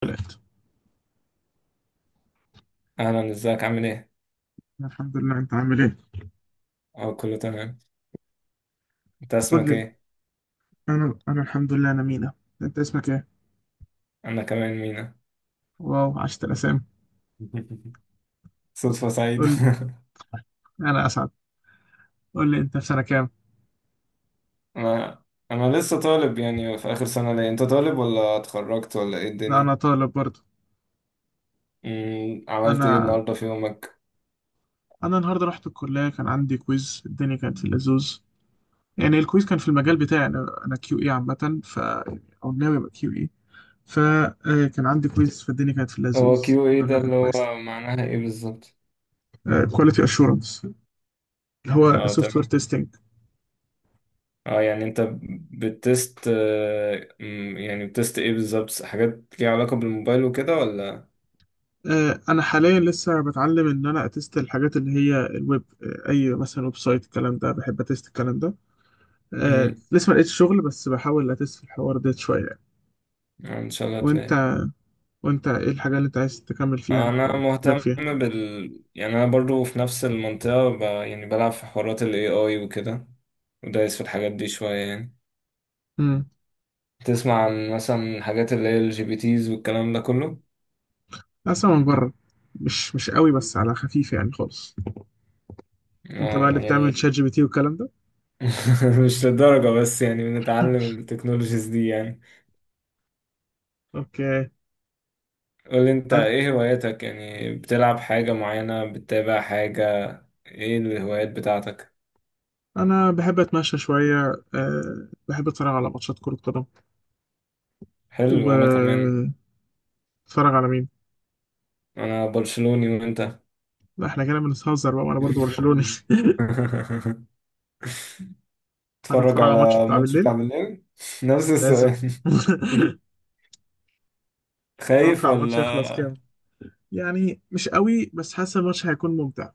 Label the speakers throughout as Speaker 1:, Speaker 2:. Speaker 1: طلعت.
Speaker 2: اهلا، ازيك؟ عامل ايه؟
Speaker 1: الحمد لله، انت عامل ايه؟
Speaker 2: اه، كله تمام. انت
Speaker 1: قول
Speaker 2: اسمك
Speaker 1: لي.
Speaker 2: ايه؟
Speaker 1: انا الحمد لله، انا مينا. انت اسمك ايه؟
Speaker 2: انا كمان مينا.
Speaker 1: واو، عشت الاسامي.
Speaker 2: صدفة سعيدة.
Speaker 1: قول لي، انا اسعد. قول لي، انت في سنه كام؟
Speaker 2: انا انا لسه طالب، يعني في اخر سنة. ليه، انت طالب ولا اتخرجت ولا ايه
Speaker 1: ده انا
Speaker 2: الدنيا؟
Speaker 1: طالب برضه.
Speaker 2: عملت ايه
Speaker 1: انا
Speaker 2: النهاردة في يومك؟
Speaker 1: انا النهارده رحت الكليه، كان عندي كويز، الدنيا كانت في اللزوز. يعني الكويز كان في المجال بتاعي، انا كيو اي عامه، ف او ناوي ابقى كيو اي. فكان عندي كويز فالدنيا كانت في
Speaker 2: هو
Speaker 1: اللزوز،
Speaker 2: كيو ايه
Speaker 1: الحمد
Speaker 2: ده
Speaker 1: لله كان
Speaker 2: اللي هو
Speaker 1: كويس.
Speaker 2: معناها ايه بالظبط؟
Speaker 1: كواليتي اشورنس، اللي هو
Speaker 2: اه،
Speaker 1: سوفت وير
Speaker 2: تمام.
Speaker 1: تيستنج.
Speaker 2: اه يعني انت بتست آه، مم، يعني بتست ايه بالظبط؟ حاجات ليها علاقة بالموبايل وكده ولا؟
Speaker 1: انا حاليا لسه بتعلم ان انا اتست الحاجات اللي هي الويب، اي مثلا ويب سايت، الكلام ده بحب اتست الكلام ده. آه،
Speaker 2: امم
Speaker 1: لسه ما لقيتش شغل، بس بحاول اتست في الحوار ده شويه يعني.
Speaker 2: ان شاء الله تلاقي.
Speaker 1: وانت، وانت ايه الحاجه اللي انت عايز تكمل فيها
Speaker 2: انا
Speaker 1: او تتراك
Speaker 2: مهتم
Speaker 1: فيها؟
Speaker 2: يعني انا برضو في نفس المنطقة، يعني بلعب في حوارات ال AI وكده، ودايس في الحاجات دي شوية يعني.
Speaker 1: امم
Speaker 2: تسمع عن مثلا حاجات اللي هي ال GPTs والكلام ده كله؟
Speaker 1: اصلا من بره، مش قوي، بس على خفيف يعني خالص. انت بقى اللي بتعمل
Speaker 2: يعني
Speaker 1: شات جي بي تي والكلام ده؟
Speaker 2: مش للدرجة، بس يعني بنتعلم التكنولوجيز دي يعني.
Speaker 1: اوكي.
Speaker 2: قول انت،
Speaker 1: عب-
Speaker 2: ايه هواياتك؟ يعني بتلعب حاجة معينة، بتتابع حاجة، ايه الهوايات بتاعتك؟
Speaker 1: انا بحب اتمشى شويه، أه بحب اتفرج على ماتشات كره قدم.
Speaker 2: حلو، وانا كمان.
Speaker 1: واتفرج على مين؟
Speaker 2: انا برشلوني، وانت؟
Speaker 1: لا احنا كده بنتهزر بقى، وانا برضو برشلوني.
Speaker 2: اتفرج
Speaker 1: هتتفرج على الماتش
Speaker 2: على
Speaker 1: بتاع
Speaker 2: الماتش
Speaker 1: بالليل؟
Speaker 2: بتاع بالليل. نفس
Speaker 1: لازم.
Speaker 2: السؤال، خايف
Speaker 1: اتوقع الماتش هيخلص
Speaker 2: ولا؟
Speaker 1: كام؟ يعني مش قوي، بس حاسس الماتش هيكون ممتع.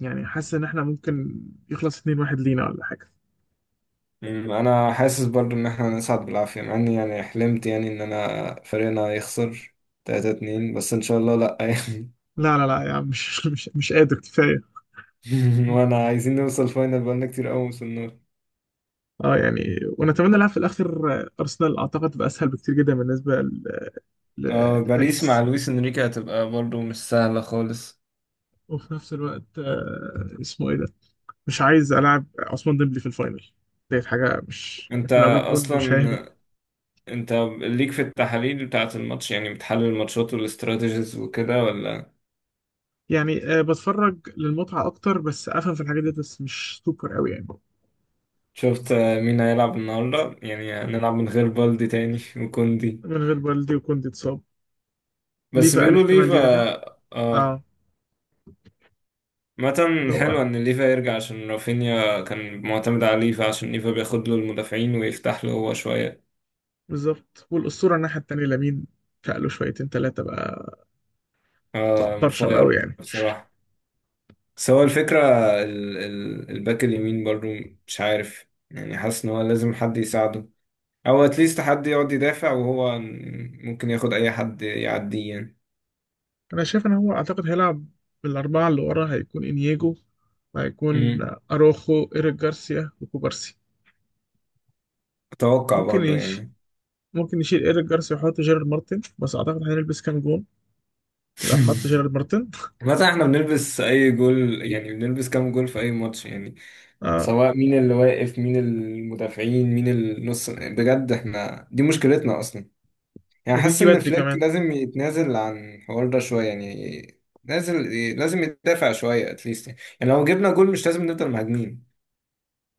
Speaker 1: يعني حاسس ان احنا ممكن يخلص 2-1 لينا ولا حاجه.
Speaker 2: انا حاسس برضو ان احنا نصعد بالعافية، مع اني يعني حلمت يعني ان انا فريقنا يخسر 3-2، بس ان شاء الله لا يعني.
Speaker 1: لا يعني مش قادر كفايه.
Speaker 2: وانا عايزين نوصل فاينل، بقالنا كتير قوي وصلنا.
Speaker 1: اه يعني ونتمنى نلعب في الاخر، ارسنال اعتقد تبقى اسهل بكتير جدا بالنسبه
Speaker 2: اه، باريس مع
Speaker 1: لباريس.
Speaker 2: لويس انريكي هتبقى برضو مش سهلة خالص.
Speaker 1: وفي نفس الوقت اسمه ايه ده، مش عايز العب عثمان ديمبلي في الفاينل. ديت حاجه، مش
Speaker 2: انت
Speaker 1: احنا لو جاب جول مش هيهدى.
Speaker 2: اصلا انت ليك في التحاليل بتاعة الماتش؟ يعني بتحلل الماتشات والاستراتيجيز وكده ولا؟
Speaker 1: يعني بتفرج للمتعة أكتر، بس أفهم في الحاجات دي، بس مش سوبر أوي يعني.
Speaker 2: شفت مين هيلعب النهارده؟ يعني هنلعب من غير بالدي تاني وكوندي.
Speaker 1: من غير والدي، وكنت اتصاب. ليه
Speaker 2: بس
Speaker 1: بقى
Speaker 2: بيقولوا
Speaker 1: الاحتمال
Speaker 2: ليفا.
Speaker 1: يرجع؟
Speaker 2: اه،
Speaker 1: اه.
Speaker 2: مثلا
Speaker 1: هو
Speaker 2: حلو ان ليفا يرجع، عشان رافينيا كان معتمد على ليفا، عشان ليفا بياخد له المدافعين ويفتح له هو شويه.
Speaker 1: بالظبط، والأسطورة الناحية التانية لامين، فقله شويتين تلاتة بقى، بقى
Speaker 2: آه
Speaker 1: برشم أوي
Speaker 2: مفاير
Speaker 1: يعني.
Speaker 2: بصراحه. بس هو الفكره، ال ال الباك اليمين برضو، مش عارف يعني، حاسس ان هو لازم حد يساعده، او اتليست حد يقعد يدافع وهو ممكن ياخد اي حد يعديه يعني.
Speaker 1: أنا شايف إن هو أعتقد هيلعب بالأربعة اللي ورا، هيكون إنياجو، وهيكون
Speaker 2: مم.
Speaker 1: أروخو، إيريك جارسيا، وكوبارسي.
Speaker 2: اتوقع
Speaker 1: ممكن
Speaker 2: برضو
Speaker 1: يش...
Speaker 2: يعني.
Speaker 1: ممكن يشيل إيريك جارسيا ويحط جيرارد مارتن، بس أعتقد هنلبس كام جون لو حط جيرارد مارتن.
Speaker 2: مثلا احنا بنلبس اي جول يعني، بنلبس كام جول في اي ماتش يعني،
Speaker 1: اه،
Speaker 2: سواء مين اللي واقف، مين المدافعين، مين النص، بجد احنا دي مشكلتنا اصلا. يعني حاسس
Speaker 1: وبيجي
Speaker 2: ان
Speaker 1: بدري
Speaker 2: فليك
Speaker 1: كمان.
Speaker 2: لازم يتنازل عن الحوار ده شويه يعني. نازل، لازم يدافع شويه اتليست يعني، لو جبنا جول مش لازم نفضل مهاجمين.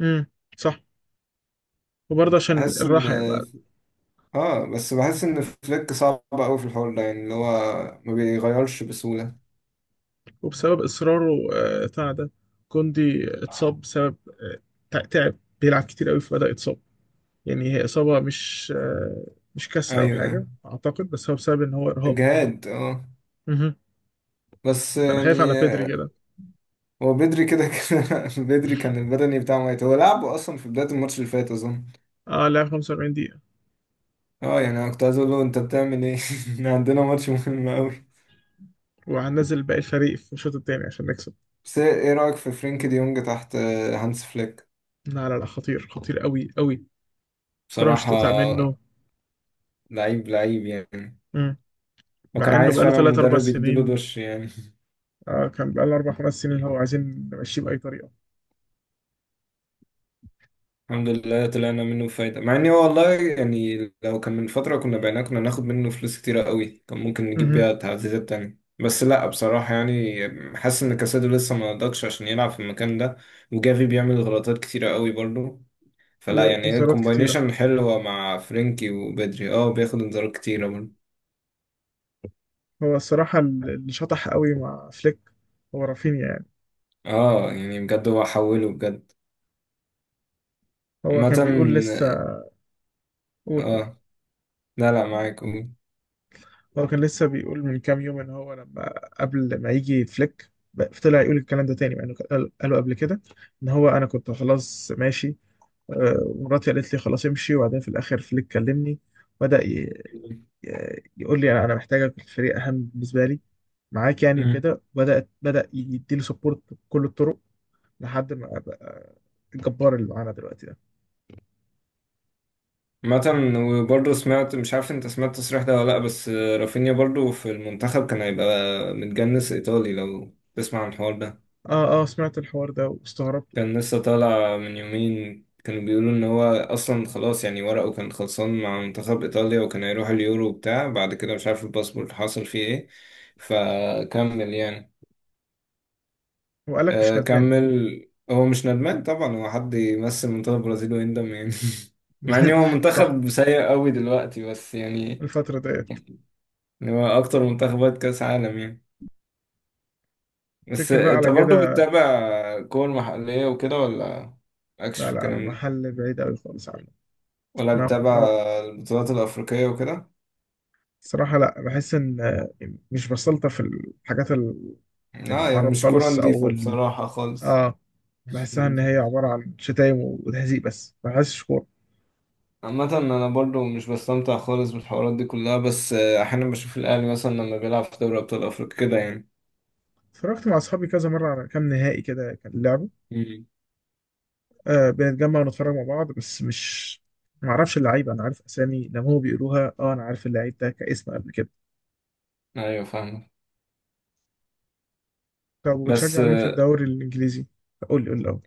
Speaker 1: امم، صح. وبرضه عشان
Speaker 2: بحس ان
Speaker 1: الراحة يا معلم.
Speaker 2: اه بس بحس ان فليك صعب قوي في الحوار ده يعني، اللي هو ما بيغيرش بسهوله.
Speaker 1: وبسبب إصراره بتاع ده، كوندي اتصاب بسبب آه، تعب، بيلعب كتير قوي فبدأ يتصاب. يعني هي إصابة مش مش
Speaker 2: ايوه،
Speaker 1: كسر أو
Speaker 2: ايوه.
Speaker 1: حاجة أعتقد، بس هو بسبب إن هو إرهاق.
Speaker 2: اجهاد، اه.
Speaker 1: مهم.
Speaker 2: بس
Speaker 1: فأنا
Speaker 2: يعني
Speaker 1: خايف على بيدري كده.
Speaker 2: هو بدري كده كده. بدري كان البدني بتاعه ميت، هو لعبه اصلا في بداية الماتش اللي فات اظن.
Speaker 1: اه لعب 45 دقيقة،
Speaker 2: اه يعني انا كنت عايز اقول له انت بتعمل ايه. إحنا عندنا ماتش مهم قوي.
Speaker 1: وهنزل باقي الفريق في الشوط التاني عشان نكسب.
Speaker 2: بس ايه، إيه رأيك في فرينك دي يونج تحت هانس فليك؟
Speaker 1: لا، خطير، خطير قوي قوي. الكرة مش
Speaker 2: بصراحة
Speaker 1: هتقطع منه.
Speaker 2: لعيب لعيب يعني.
Speaker 1: مم.
Speaker 2: وكان
Speaker 1: مع إنه
Speaker 2: عايز
Speaker 1: بقاله
Speaker 2: فعلا
Speaker 1: 3 4
Speaker 2: مدرب يديله
Speaker 1: سنين.
Speaker 2: دش يعني.
Speaker 1: آه كان بقاله أربع خمس سنين، هو عايزين نمشيه بأي طريقة.
Speaker 2: الحمد لله طلعنا منه بفايدة، مع اني هو والله يعني لو كان من فترة كنا بعناه، كنا ناخد منه فلوس كتيرة قوي، كان ممكن نجيب
Speaker 1: مهم.
Speaker 2: بيها تعزيزات تانية. بس لا، بصراحة يعني حاسس ان كاسادو لسه ما نضجش عشان يلعب في المكان ده، وجافي بيعمل غلطات كتيرة قوي برضو، فلا يعني. هي
Speaker 1: وإنذارات كتيرة.
Speaker 2: الكومباينيشن حلوة مع فرينكي وبدري، اه، بياخد انذارات كتيرة برضو.
Speaker 1: هو الصراحة اللي شطح قوي مع فليك هو رافينيا يعني.
Speaker 2: اه يعني بجد هو حوله بجد.
Speaker 1: هو
Speaker 2: عامة.
Speaker 1: كان بيقول لسه. قول قول.
Speaker 2: اه. لا، لا، معاك، قول.
Speaker 1: هو كان لسه بيقول من كام يوم إن هو لما، قبل ما يجي فليك، طلع يقول الكلام ده تاني، مع إنه قاله قبل كده. إن هو أنا كنت خلاص ماشي، ومراتي قالت لي خلاص امشي، وبعدين في الآخر فليك كلمني، بدأ يقول لي أنا محتاجك في الفريق، أهم بالنسبة لي معاك يعني، وكده بدأت بدأ يديله سبورت بكل الطرق لحد ما بقى الجبار اللي معانا دلوقتي ده.
Speaker 2: مثلا وبرضه سمعت، مش عارف انت سمعت التصريح ده ولا لا، بس رافينيا برضه في المنتخب كان هيبقى متجنس ايطالي، لو تسمع عن الحوار ده.
Speaker 1: اه اه، سمعت الحوار ده واستغربت.
Speaker 2: كان لسه طالع من يومين، كانوا بيقولوا ان هو اصلا خلاص يعني ورقه كان خلصان مع منتخب ايطاليا، وكان هيروح اليورو وبتاع، بعد كده مش عارف الباسبورت حصل فيه ايه فكمل يعني.
Speaker 1: وقال لك مش
Speaker 2: آه،
Speaker 1: ندمان.
Speaker 2: كمل. هو مش ندمان طبعا، هو حد يمثل منتخب البرازيل ويندم يعني. مع ان هو
Speaker 1: صح.
Speaker 2: منتخب سيء قوي دلوقتي بس يعني،
Speaker 1: الفترة ديت،
Speaker 2: إن هو اكتر منتخبات كاس عالم يعني. بس
Speaker 1: تفتكر بقى
Speaker 2: انت
Speaker 1: على
Speaker 2: برضو
Speaker 1: كده.
Speaker 2: بتتابع كور محلية وكده ولا مالكش
Speaker 1: لا
Speaker 2: في
Speaker 1: لا،
Speaker 2: الكلام ده؟
Speaker 1: المحل بعيد قوي خالص عنه.
Speaker 2: ولا
Speaker 1: ما بق- ما
Speaker 2: بتتابع
Speaker 1: بق-
Speaker 2: البطولات الافريقية وكده؟
Speaker 1: صراحة لا، بحس ان مش بسلطة في الحاجات
Speaker 2: لا يعني
Speaker 1: العرب
Speaker 2: مش كورة
Speaker 1: خالص او
Speaker 2: نضيفة
Speaker 1: ال...
Speaker 2: بصراحة خالص.
Speaker 1: اه بحسها ان هي عبارة عن شتايم وتهزيق، بس ما بحسش كورة.
Speaker 2: عامة أنا برضو مش بستمتع خالص بالحوارات دي كلها، بس أحيانا بشوف الأهلي مثلا لما بيلعب في دوري أبطال أفريقيا كده يعني.
Speaker 1: اتفرجت مع اصحابي كذا مرة على كام نهائي كده كان لعبه.
Speaker 2: مم.
Speaker 1: آه بنتجمع ونتفرج مع بعض، بس مش ما اعرفش اللعيبه، انا عارف اسامي لما هم بيقولوها، اه انا عارف اللعيب ده كاسم قبل كده.
Speaker 2: أيوة فاهمة.
Speaker 1: طب
Speaker 2: بس
Speaker 1: وبتشجع مين في الدوري الانجليزي؟ قول لي الاول.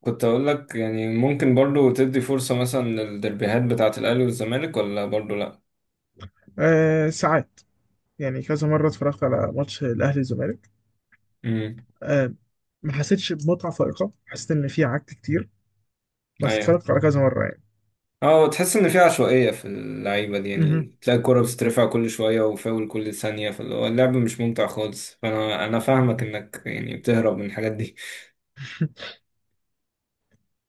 Speaker 2: كنت أقول لك يعني ممكن برضو تدي فرصة مثلا للدربيهات بتاعة الأهلي والزمالك، ولا برضو لأ؟
Speaker 1: آه ساعات، يعني كذا مره اتفرجت على ماتش الاهلي والزمالك.
Speaker 2: مم.
Speaker 1: آه ما حسيتش بمتعه فائقه، حسيت ان في عك كتير، بس
Speaker 2: أيوة.
Speaker 1: اتفرجت على كذا مره يعني.
Speaker 2: اه تحس ان في عشوائية في اللعيبة دي
Speaker 1: مهم.
Speaker 2: يعني، تلاقي الكرة بتترفع كل شوية وفاول كل ثانية، فاللي هو اللعب مش ممتع خالص، فانا فاهمك انك يعني بتهرب من الحاجات دي.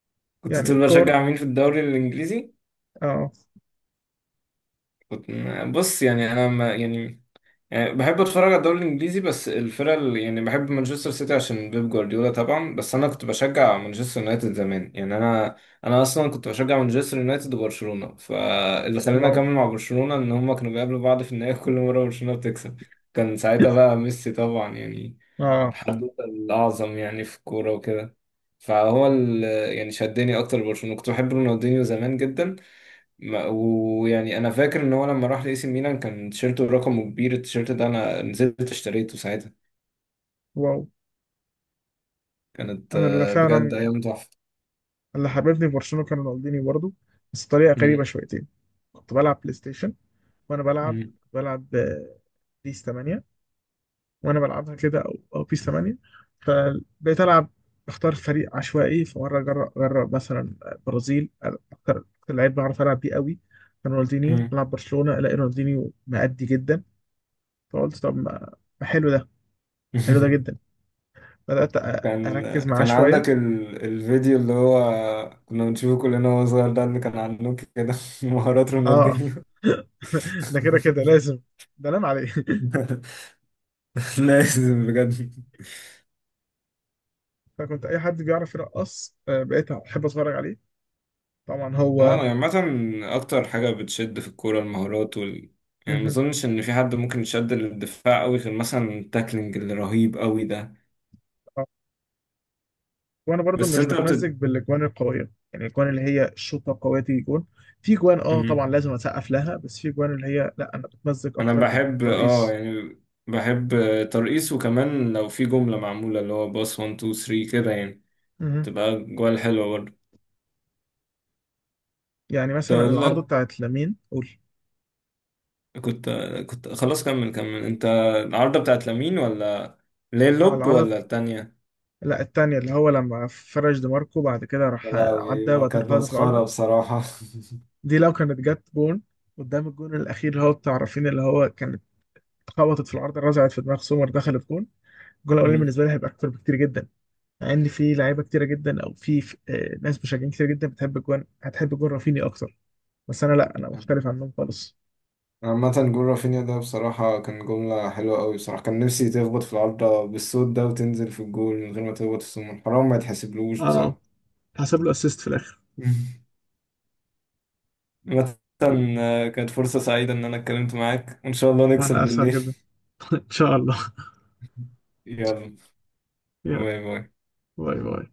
Speaker 2: كنت
Speaker 1: يعني
Speaker 2: تقول
Speaker 1: كور.
Speaker 2: بشجع مين في الدوري الانجليزي.
Speaker 1: اه.
Speaker 2: كنت، بص يعني انا ما يعني، يعني بحب اتفرج على الدوري الانجليزي، بس الفرق اللي- يعني بحب مانشستر سيتي عشان بيب جوارديولا طبعا، بس انا كنت بشجع مانشستر يونايتد زمان يعني. انا اصلا كنت بشجع مانشستر يونايتد وبرشلونه، فاللي خلاني
Speaker 1: واو.
Speaker 2: اكمل مع برشلونه ان هما كانوا بيقابلوا بعض في النهائي. كل مره برشلونه بتكسب. كان ساعتها بقى ميسي طبعا يعني،
Speaker 1: اه.
Speaker 2: الحدوته الاعظم يعني في الكوره وكده. فهو ال-، يعني شدني اكتر برشلونه، كنت بحب رونالدينيو زمان جدا. ويعني انا فاكر ان هو لما راح لاي سي ميلان كان تيشيرته رقمه كبير، التيشيرت ده انا نزلت اشتريته ساعتها.
Speaker 1: واو.
Speaker 2: كانت
Speaker 1: انا اللي
Speaker 2: بجد
Speaker 1: فعلا،
Speaker 2: ايام تحفه.
Speaker 1: اللي حببني في برشلونه كان رونالدينيو برضه، بس بطريقه غريبه
Speaker 2: مم.
Speaker 1: شويتين. كنت بلعب بلاي ستيشن، وانا بلعب،
Speaker 2: مم.
Speaker 1: بلعب بيس 8. وانا بلعبها كده، او بيس 8، فبقيت العب بختار فريق عشوائي، فمره اجرب مثلا برازيل، اكتر لعيب بعرف العب بيه قوي كان رونالدينيو،
Speaker 2: مم.
Speaker 1: بلعب برشلونه الاقي رونالدينيو مأدي جدا. فقلت طب ما، ما حلو ده، حلو ده جدا. بدأت
Speaker 2: كان
Speaker 1: اركز معاه
Speaker 2: كان
Speaker 1: شويه.
Speaker 2: عندك الفيديو اللي هو كنا بنشوفه كلنا وهو صغير ده، اللي كان عنده كده. مهارات
Speaker 1: اه.
Speaker 2: رونالدينيو.
Speaker 1: ده كده لازم، ده نام عليه.
Speaker 2: لازم بجد.
Speaker 1: فكنت اي حد بيعرف يرقص بقيت احب اتفرج عليه، طبعا هو.
Speaker 2: اه يعني عامة أكتر حاجة بتشد في الكورة المهارات وال... يعني ما
Speaker 1: مهم.
Speaker 2: أظنش إن في حد ممكن يشد للدفاع أوي غير مثلا التاكلينج الرهيب أوي ده.
Speaker 1: آه. وانا برضو
Speaker 2: بس
Speaker 1: مش
Speaker 2: أنت بت
Speaker 1: بتمزج بالاجوان القويه، يعني الاجوان اللي هي الشوطه قويه تيجي جون. في جوان اه
Speaker 2: مم.
Speaker 1: طبعا لازم اسقف لها، بس في جوان اللي هي لا، انا بتمزج
Speaker 2: أنا
Speaker 1: اكتر
Speaker 2: بحب،
Speaker 1: بالترقيص.
Speaker 2: بحب ترقيص، وكمان لو في جملة معمولة اللي هو باص 1 2 3 كده يعني،
Speaker 1: مهم.
Speaker 2: تبقى جوال حلوة برضه.
Speaker 1: يعني
Speaker 2: كنت
Speaker 1: مثلا
Speaker 2: أقول
Speaker 1: العارضه
Speaker 2: لك،
Speaker 1: بتاعت لامين. قول.
Speaker 2: كنت كنت خلاص كمل كمل أنت، العارضة بتاعت لامين ولا ليه
Speaker 1: اه
Speaker 2: اللوب
Speaker 1: العارضه،
Speaker 2: ولا التانية؟
Speaker 1: لا التانية اللي هو لما فرش دماركو بعد كده
Speaker 2: يا
Speaker 1: راح
Speaker 2: لهوي
Speaker 1: عدى
Speaker 2: ما
Speaker 1: وبعدين
Speaker 2: كانت
Speaker 1: خبطها في
Speaker 2: مسخرة
Speaker 1: العارضه.
Speaker 2: بصراحة.
Speaker 1: دي لو كانت جت جون قدام الجون الاخير اللي هو بتاع رافينيا اللي هو كانت خبطت في العارضه رزعت في دماغ سومر دخلت جون، الجون الاولاني بالنسبه لي هيبقى اكتر بكتير جدا. مع ان في لعيبه كتيره جدا، او في في ناس مشجعين كتير جدا بتحب جوان، هتحب جون رافيني اكتر. بس انا لا، انا مختلف
Speaker 2: مم.
Speaker 1: عنهم خالص.
Speaker 2: عامة جول رافينيا ده بصراحة كان جملة حلوة أوي، بصراحة كان نفسي تخبط في العارضة بالصوت ده وتنزل في الجول من غير ما تخبط في السمون، حرام، ما يتحسبلوش
Speaker 1: اه،
Speaker 2: بصراحة.
Speaker 1: حسب له اسيست في الاخر.
Speaker 2: عامة كانت فرصة سعيدة إن أنا اتكلمت معاك، وإن شاء الله نكسب
Speaker 1: وانا اسعد
Speaker 2: بالليل.
Speaker 1: جدا. ان شاء الله.
Speaker 2: يلا.
Speaker 1: يلا.
Speaker 2: باي باي.
Speaker 1: باي باي.